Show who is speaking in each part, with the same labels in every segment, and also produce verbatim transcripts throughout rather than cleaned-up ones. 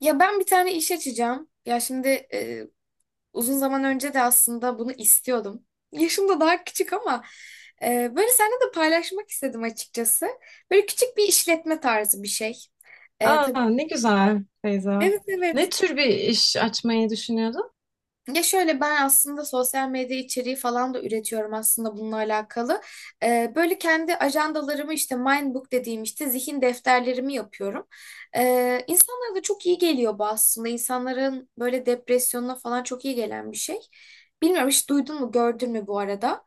Speaker 1: Ya ben bir tane iş açacağım. Ya şimdi e, uzun zaman önce de aslında bunu istiyordum. Yaşım da daha küçük ama e, böyle seninle de paylaşmak istedim açıkçası. Böyle küçük bir işletme tarzı bir şey. E, tabii,
Speaker 2: Aa, ne güzel Feyza.
Speaker 1: evet
Speaker 2: Ne
Speaker 1: evet.
Speaker 2: tür bir iş açmayı düşünüyordun?
Speaker 1: Ya şöyle ben aslında sosyal medya içeriği falan da üretiyorum aslında bununla alakalı. Ee, böyle kendi ajandalarımı işte Mindbook dediğim işte zihin defterlerimi yapıyorum. Ee, insanlara da çok iyi geliyor bu aslında. İnsanların böyle depresyonuna falan çok iyi gelen bir şey. Bilmiyorum hiç duydun mu gördün mü bu arada?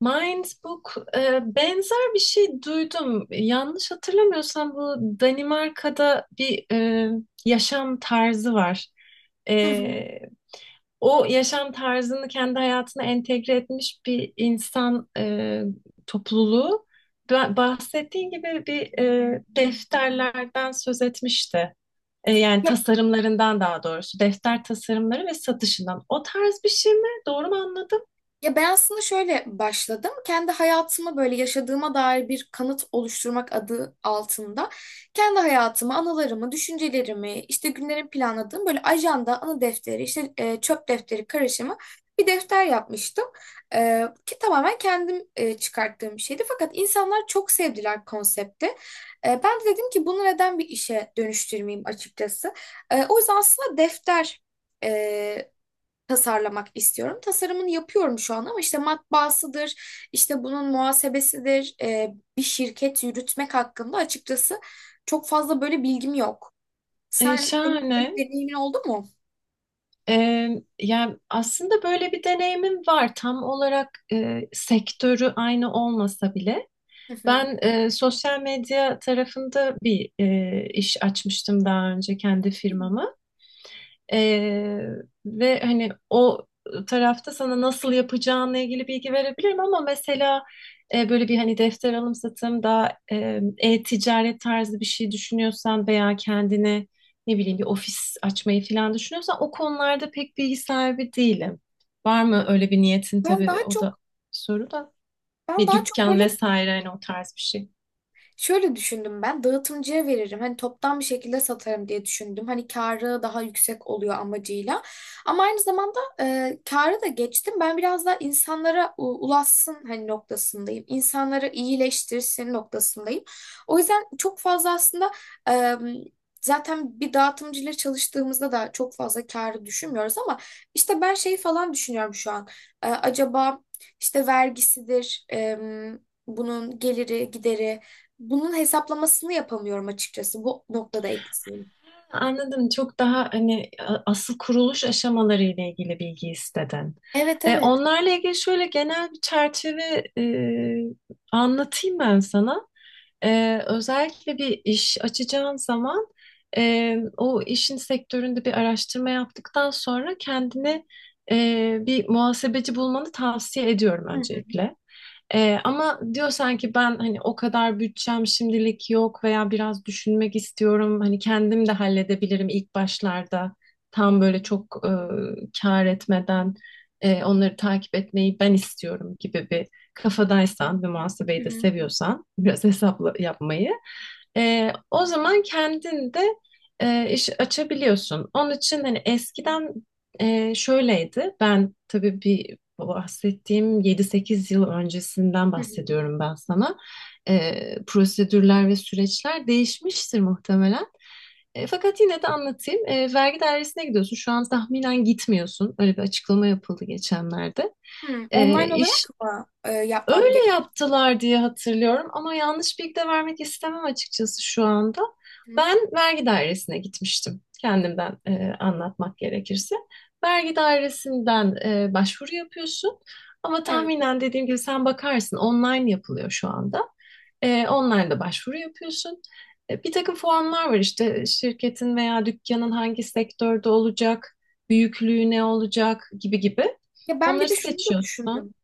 Speaker 2: Mindbook e, benzer bir şey duydum. Yanlış hatırlamıyorsam bu Danimarka'da bir e, yaşam tarzı var.
Speaker 1: Hı hı.
Speaker 2: E, O yaşam tarzını kendi hayatına entegre etmiş bir insan e, topluluğu. Ba- Bahsettiğin gibi bir e, defterlerden söz etmişti. E, yani
Speaker 1: Ya
Speaker 2: tasarımlarından daha doğrusu defter tasarımları ve satışından. O tarz bir şey mi? Doğru mu anladım?
Speaker 1: Ya ben aslında şöyle başladım. Kendi hayatıma böyle yaşadığıma dair bir kanıt oluşturmak adı altında kendi hayatımı, anılarımı, düşüncelerimi, işte günlerimi planladığım böyle ajanda, anı defteri, işte e, çöp defteri karışımı bir defter yapmıştım. E, ki tamamen kendim e, çıkarttığım bir şeydi. Fakat insanlar çok sevdiler konsepti. E, ben de dedim ki bunu neden bir işe dönüştürmeyeyim açıkçası. E, o yüzden aslında defter e, tasarlamak istiyorum. Tasarımını yapıyorum şu an ama işte matbaasıdır, işte bunun muhasebesidir, e, bir şirket yürütmek hakkında açıkçası çok fazla böyle bilgim yok.
Speaker 2: E,
Speaker 1: Sen senin böyle
Speaker 2: şahane.
Speaker 1: bir deneyimin oldu mu?
Speaker 2: E, Yani aslında böyle bir deneyimim var. Tam olarak e, sektörü aynı olmasa bile.
Speaker 1: Hı hı.
Speaker 2: Ben e, sosyal medya tarafında bir e, iş açmıştım daha önce kendi firmama. Ee, Ve hani o tarafta sana nasıl yapacağınla ilgili bilgi verebilirim ama mesela e, böyle bir hani defter alım satım daha e, e-ticaret tarzı bir şey düşünüyorsan veya kendine ne bileyim bir ofis açmayı falan düşünüyorsan o konularda pek bilgi sahibi değilim. Var mı öyle bir niyetin,
Speaker 1: Ben
Speaker 2: tabii
Speaker 1: daha
Speaker 2: o da
Speaker 1: çok
Speaker 2: soru da,
Speaker 1: ben
Speaker 2: bir
Speaker 1: daha çok
Speaker 2: dükkan
Speaker 1: böyle
Speaker 2: vesaire hani o tarz bir şey.
Speaker 1: Şöyle düşündüm ben dağıtımcıya veririm. Hani toptan bir şekilde satarım diye düşündüm. Hani karı daha yüksek oluyor amacıyla. Ama aynı zamanda e, karı da geçtim. Ben biraz daha insanlara u- ulaşsın hani noktasındayım. İnsanları iyileştirsin noktasındayım. O yüzden çok fazla aslında e, zaten bir dağıtımcıyla çalıştığımızda da çok fazla karı düşünmüyoruz ama işte ben şey falan düşünüyorum şu an. E, acaba işte vergisidir, e, bunun geliri, gideri bunun hesaplamasını yapamıyorum açıkçası. Bu noktada eksiğim.
Speaker 2: Anladım. Çok daha hani a- asıl kuruluş aşamaları ile ilgili bilgi istedin.
Speaker 1: Evet
Speaker 2: E,
Speaker 1: evet.
Speaker 2: onlarla ilgili şöyle genel bir çerçeve e, anlatayım ben sana. E, özellikle bir iş açacağın zaman e, o işin sektöründe bir araştırma yaptıktan sonra kendine e, bir muhasebeci bulmanı tavsiye ediyorum
Speaker 1: Hı hı.
Speaker 2: öncelikle. Ee, ama diyor sanki ben hani o kadar bütçem şimdilik yok veya biraz düşünmek istiyorum. Hani kendim de halledebilirim ilk başlarda. Tam böyle çok e, kâr etmeden e, onları takip etmeyi ben istiyorum gibi bir kafadaysan ve
Speaker 1: Hı
Speaker 2: muhasebeyi de
Speaker 1: hı.
Speaker 2: seviyorsan biraz hesapla yapmayı. e, o zaman kendin de e, iş açabiliyorsun. Onun için hani eskiden e, şöyleydi. Ben tabii bir, bu bahsettiğim yedi sekiz yıl öncesinden
Speaker 1: Hı hı.
Speaker 2: bahsediyorum ben sana. Ee, prosedürler ve süreçler değişmiştir muhtemelen. E, fakat yine de anlatayım. E, vergi dairesine gidiyorsun. Şu an tahminen gitmiyorsun. Öyle bir açıklama yapıldı geçenlerde.
Speaker 1: Hı,
Speaker 2: E,
Speaker 1: online
Speaker 2: iş
Speaker 1: olarak mı e, yapmam
Speaker 2: Öyle
Speaker 1: gerekiyor?
Speaker 2: yaptılar diye hatırlıyorum ama yanlış bilgi de vermek istemem açıkçası şu anda.
Speaker 1: Hı,
Speaker 2: Ben vergi dairesine gitmiştim. Kendimden e, anlatmak gerekirse. Vergi dairesinden e, başvuru yapıyorsun. Ama
Speaker 1: evet.
Speaker 2: tahminen dediğim gibi sen bakarsın, online yapılıyor şu anda. E, online'da başvuru yapıyorsun. E, bir takım formlar var, işte şirketin veya dükkanın hangi sektörde olacak, büyüklüğü ne olacak gibi gibi.
Speaker 1: Ya ben bir
Speaker 2: Onları
Speaker 1: de şunu da
Speaker 2: seçiyorsun.
Speaker 1: düşündüm.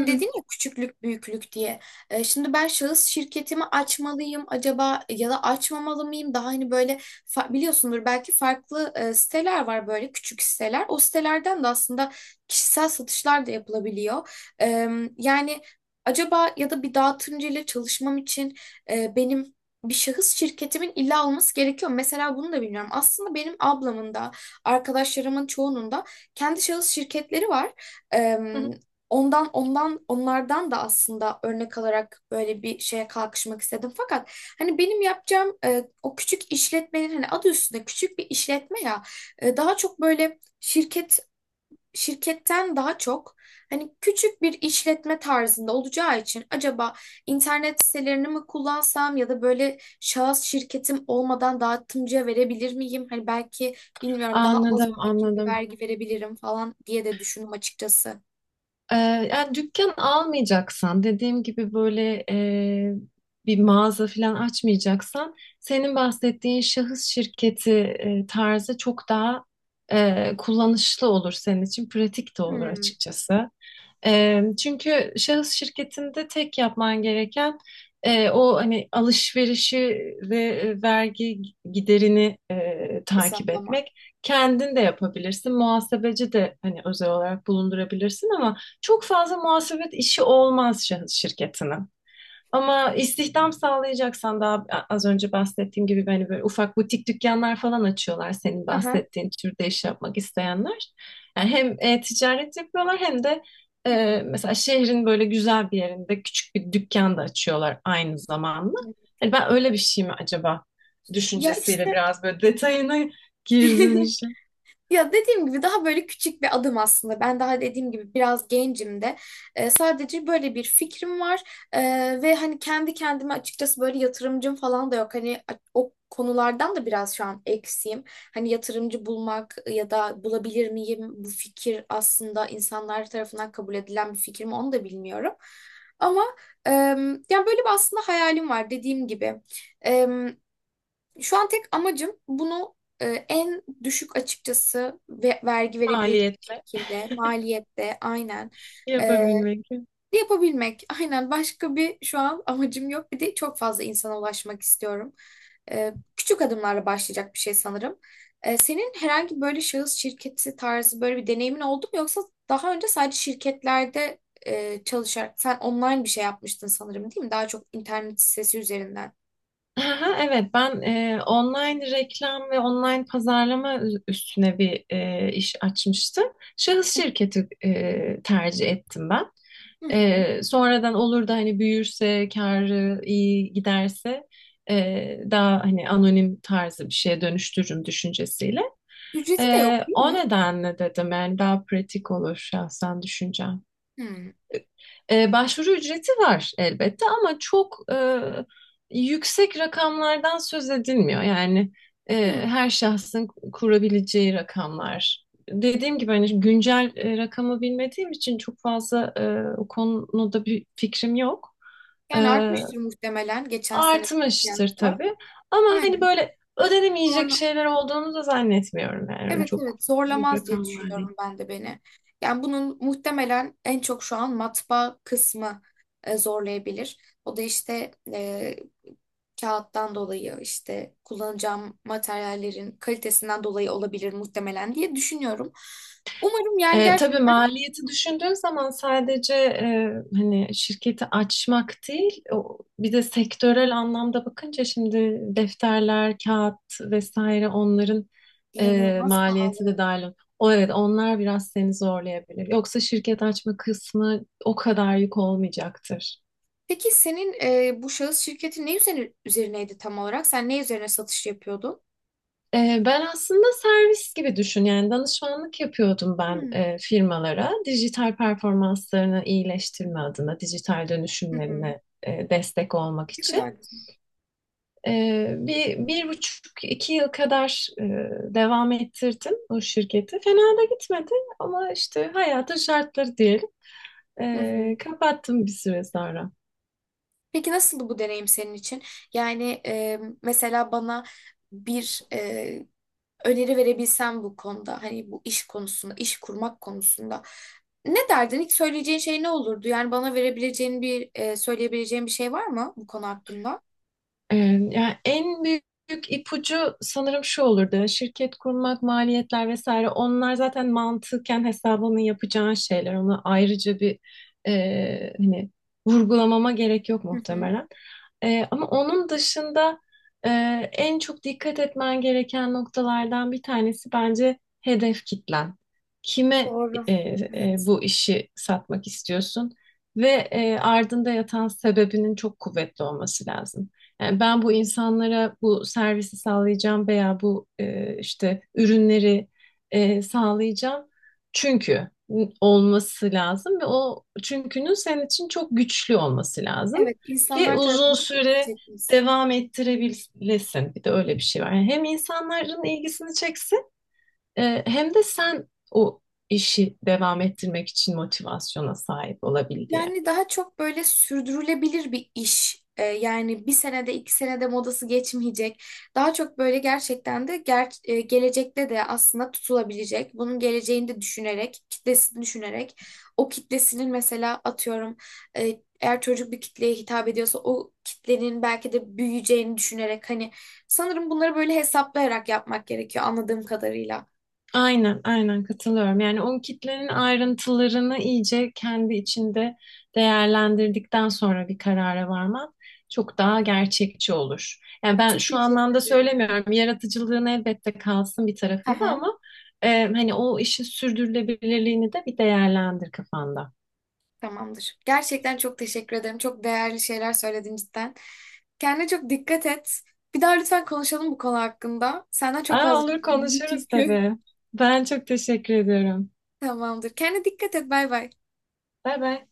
Speaker 2: Hı hı.
Speaker 1: dedin ya küçüklük büyüklük diye. E, şimdi ben şahıs şirketimi açmalıyım acaba ya da açmamalı mıyım? Daha hani böyle fa- biliyorsundur belki farklı e, siteler var böyle küçük siteler. O sitelerden de aslında kişisel satışlar da yapılabiliyor. E, Yani acaba ya da bir dağıtımcı ile çalışmam için e, benim bir şahıs şirketimin illa olması gerekiyor mu? Mesela bunu da bilmiyorum. Aslında benim ablamın da arkadaşlarımın çoğunun da kendi şahıs şirketleri var. Ondan ondan onlardan da aslında örnek alarak böyle bir şeye kalkışmak istedim. Fakat hani benim yapacağım e, o küçük işletmenin hani adı üstünde küçük bir işletme ya e, daha çok böyle şirket şirketten daha çok hani küçük bir işletme tarzında olacağı için acaba internet sitelerini mi kullansam ya da böyle şahıs şirketim olmadan dağıtımcıya verebilir miyim? Hani belki bilmiyorum daha az
Speaker 2: Anladım,
Speaker 1: bir şekilde
Speaker 2: anladım.
Speaker 1: vergi verebilirim falan diye de düşündüm açıkçası.
Speaker 2: Ee, yani dükkan almayacaksan, dediğim gibi böyle e, bir mağaza falan açmayacaksan, senin bahsettiğin şahıs şirketi e, tarzı çok daha e, kullanışlı olur senin için, pratik de olur
Speaker 1: Hmm.
Speaker 2: açıkçası. E, çünkü şahıs şirketinde tek yapman gereken e, o hani alışverişi ve e, vergi giderini e, takip
Speaker 1: Hesaplamak.
Speaker 2: etmek. Kendin de yapabilirsin. Muhasebeci de hani özel olarak bulundurabilirsin ama çok fazla muhasebet işi olmaz şahıs şirketinin. Ama istihdam sağlayacaksan, daha az önce bahsettiğim gibi hani böyle ufak butik dükkanlar falan açıyorlar senin
Speaker 1: Aha.
Speaker 2: bahsettiğin türde iş yapmak isteyenler. Yani hem e, ticaret yapıyorlar hem de
Speaker 1: Hmm,
Speaker 2: e, mesela şehrin böyle güzel bir yerinde küçük bir dükkan da açıyorlar aynı zamanda. Hani
Speaker 1: anladım.
Speaker 2: ben öyle bir şey mi acaba
Speaker 1: Ya
Speaker 2: düşüncesiyle
Speaker 1: işte.
Speaker 2: biraz böyle detayına girdim işin,
Speaker 1: Ya dediğim gibi daha böyle küçük bir adım aslında. Ben daha dediğim gibi biraz gencim de. Ee, sadece böyle bir fikrim var. Ee, Ve hani kendi kendime açıkçası böyle yatırımcım falan da yok. Hani a- o konulardan da biraz şu an eksiğim. Hani yatırımcı bulmak ya da bulabilir miyim, bu fikir aslında insanlar tarafından kabul edilen bir fikir mi, onu da bilmiyorum. Ama em, yani böyle bir aslında hayalim var dediğim gibi. Şu an tek amacım bunu e, en düşük açıkçası ve vergi verebilecek
Speaker 2: maliyetle
Speaker 1: şekilde, maliyette aynen e,
Speaker 2: yapabilmek.
Speaker 1: yapabilmek. Aynen, başka bir şu an amacım yok. Bir de çok fazla insana ulaşmak istiyorum. E, küçük adımlarla başlayacak bir şey sanırım. E, senin herhangi böyle şahıs şirketi tarzı böyle bir deneyimin oldu mu? Yoksa daha önce sadece şirketlerde e, çalışarak sen online bir şey yapmıştın sanırım değil mi? Daha çok internet sitesi üzerinden.
Speaker 2: Aha, Evet, ben e, online reklam ve online pazarlama ü- üstüne bir e, iş açmıştım. Şahıs şirketi e, tercih ettim ben.
Speaker 1: Hı hı.
Speaker 2: E, sonradan olur da hani büyürse, karı iyi giderse e, daha hani anonim tarzı bir şeye dönüştürürüm düşüncesiyle.
Speaker 1: Ücreti de
Speaker 2: E,
Speaker 1: yok değil
Speaker 2: o
Speaker 1: mi?
Speaker 2: nedenle dedim, yani daha pratik olur şahsen düşüncem.
Speaker 1: Hı.
Speaker 2: E, başvuru ücreti var elbette ama çok e, yüksek rakamlardan söz edilmiyor. Yani e,
Speaker 1: Hı.
Speaker 2: her şahsın kurabileceği rakamlar. Dediğim gibi hani güncel e, rakamı bilmediğim için çok fazla e, o konuda bir fikrim yok. E,
Speaker 1: Yani artmıştır muhtemelen geçen sene
Speaker 2: artmıştır
Speaker 1: kıyasla.
Speaker 2: tabii. Ama hani
Speaker 1: Aynen.
Speaker 2: böyle ödenemeyecek
Speaker 1: Zorla.
Speaker 2: şeyler olduğunu da zannetmiyorum, yani
Speaker 1: Evet
Speaker 2: çok
Speaker 1: evet,
Speaker 2: büyük
Speaker 1: zorlamaz diye
Speaker 2: rakamlar değil.
Speaker 1: düşünüyorum ben de beni. Yani bunun muhtemelen en çok şu an matbaa kısmı e, zorlayabilir. O da işte e, kağıttan dolayı, işte kullanacağım materyallerin kalitesinden dolayı olabilir muhtemelen diye düşünüyorum. Umarım yani
Speaker 2: E, tabii
Speaker 1: gerçekten
Speaker 2: maliyeti düşündüğün zaman, sadece e, hani şirketi açmak değil, o, bir de sektörel anlamda bakınca şimdi defterler, kağıt vesaire onların e,
Speaker 1: inanılmaz
Speaker 2: maliyeti
Speaker 1: pahalı.
Speaker 2: de dahil. O evet, onlar biraz seni zorlayabilir. Yoksa şirket açma kısmı o kadar yük olmayacaktır.
Speaker 1: Peki senin e, bu şahıs şirketi ne üzerine, üzerineydi tam olarak? Sen ne üzerine satış yapıyordun?
Speaker 2: Ee, Ben aslında servis gibi düşün, yani danışmanlık yapıyordum ben
Speaker 1: Hmm.
Speaker 2: e, firmalara, dijital performanslarını iyileştirme adına dijital
Speaker 1: Hı hı.
Speaker 2: dönüşümlerine e, destek olmak
Speaker 1: Ne kadar
Speaker 2: için.
Speaker 1: güzel.
Speaker 2: Ee, bir, bir buçuk iki yıl kadar e, devam ettirdim o şirketi, fena da gitmedi ama işte hayatın şartları diyelim.
Speaker 1: Hı hı.
Speaker 2: Ee, kapattım bir süre sonra.
Speaker 1: Peki nasıldı bu deneyim senin için? Yani e, mesela bana bir e, öneri verebilsen bu konuda, hani bu iş konusunda, iş kurmak konusunda ne derdin? İlk söyleyeceğin şey ne olurdu? Yani bana verebileceğin bir, e, söyleyebileceğin bir şey var mı bu konu hakkında?
Speaker 2: Ee, Yani en büyük ipucu sanırım şu olurdu. Şirket kurmak, maliyetler vesaire, onlar zaten mantıken hesabını yapacağın şeyler. Ona ayrıca bir e, hani vurgulamama gerek yok
Speaker 1: Hı hı.
Speaker 2: muhtemelen. Ee, ama onun dışında e, en çok dikkat etmen gereken noktalardan bir tanesi bence hedef kitlen. Kime e,
Speaker 1: Doğru.
Speaker 2: e,
Speaker 1: Evet.
Speaker 2: bu işi satmak istiyorsun ve e, ardında yatan sebebinin çok kuvvetli olması lazım. Yani, ben bu insanlara bu servisi sağlayacağım veya bu e, işte ürünleri e, sağlayacağım. Çünkü olması lazım ve o çünkünün senin için çok güçlü olması lazım.
Speaker 1: Evet,
Speaker 2: Ki
Speaker 1: insanlar
Speaker 2: uzun
Speaker 1: tarafından ilgi
Speaker 2: süre
Speaker 1: çekmesi.
Speaker 2: devam ettirebilesin. Bir de öyle bir şey var. Yani hem insanların ilgisini çeksin e, hem de sen o işi devam ettirmek için motivasyona sahip olabil diye.
Speaker 1: Yani daha çok böyle sürdürülebilir bir iş. Ee, yani bir senede iki senede modası geçmeyecek. Daha çok böyle gerçekten de ger- e, gelecekte de aslında tutulabilecek. Bunun geleceğini de düşünerek, kitlesini düşünerek. O kitlesinin mesela atıyorum e, eğer çocuk bir kitleye hitap ediyorsa o kitlenin belki de büyüyeceğini düşünerek, hani sanırım bunları böyle hesaplayarak yapmak gerekiyor anladığım kadarıyla.
Speaker 2: Aynen, aynen katılıyorum. Yani o kitlenin ayrıntılarını iyice kendi içinde değerlendirdikten sonra bir karara varman çok daha gerçekçi olur. Yani
Speaker 1: Yani
Speaker 2: ben
Speaker 1: çok
Speaker 2: şu
Speaker 1: teşekkür
Speaker 2: anlamda
Speaker 1: ederim.
Speaker 2: söylemiyorum, yaratıcılığın elbette kalsın bir tarafında ama e, hani o işin sürdürülebilirliğini de bir değerlendir kafanda.
Speaker 1: Tamamdır. Gerçekten çok teşekkür ederim. Çok değerli şeyler söyledin cidden. Kendine çok dikkat et. Bir daha lütfen konuşalım bu konu hakkında. Senden çok fazla
Speaker 2: Aa,
Speaker 1: şey
Speaker 2: olur,
Speaker 1: öğrendim
Speaker 2: konuşuruz
Speaker 1: çünkü.
Speaker 2: tabii. Ben çok teşekkür ediyorum.
Speaker 1: Tamamdır. Kendine dikkat et. Bay bay.
Speaker 2: Bay bay.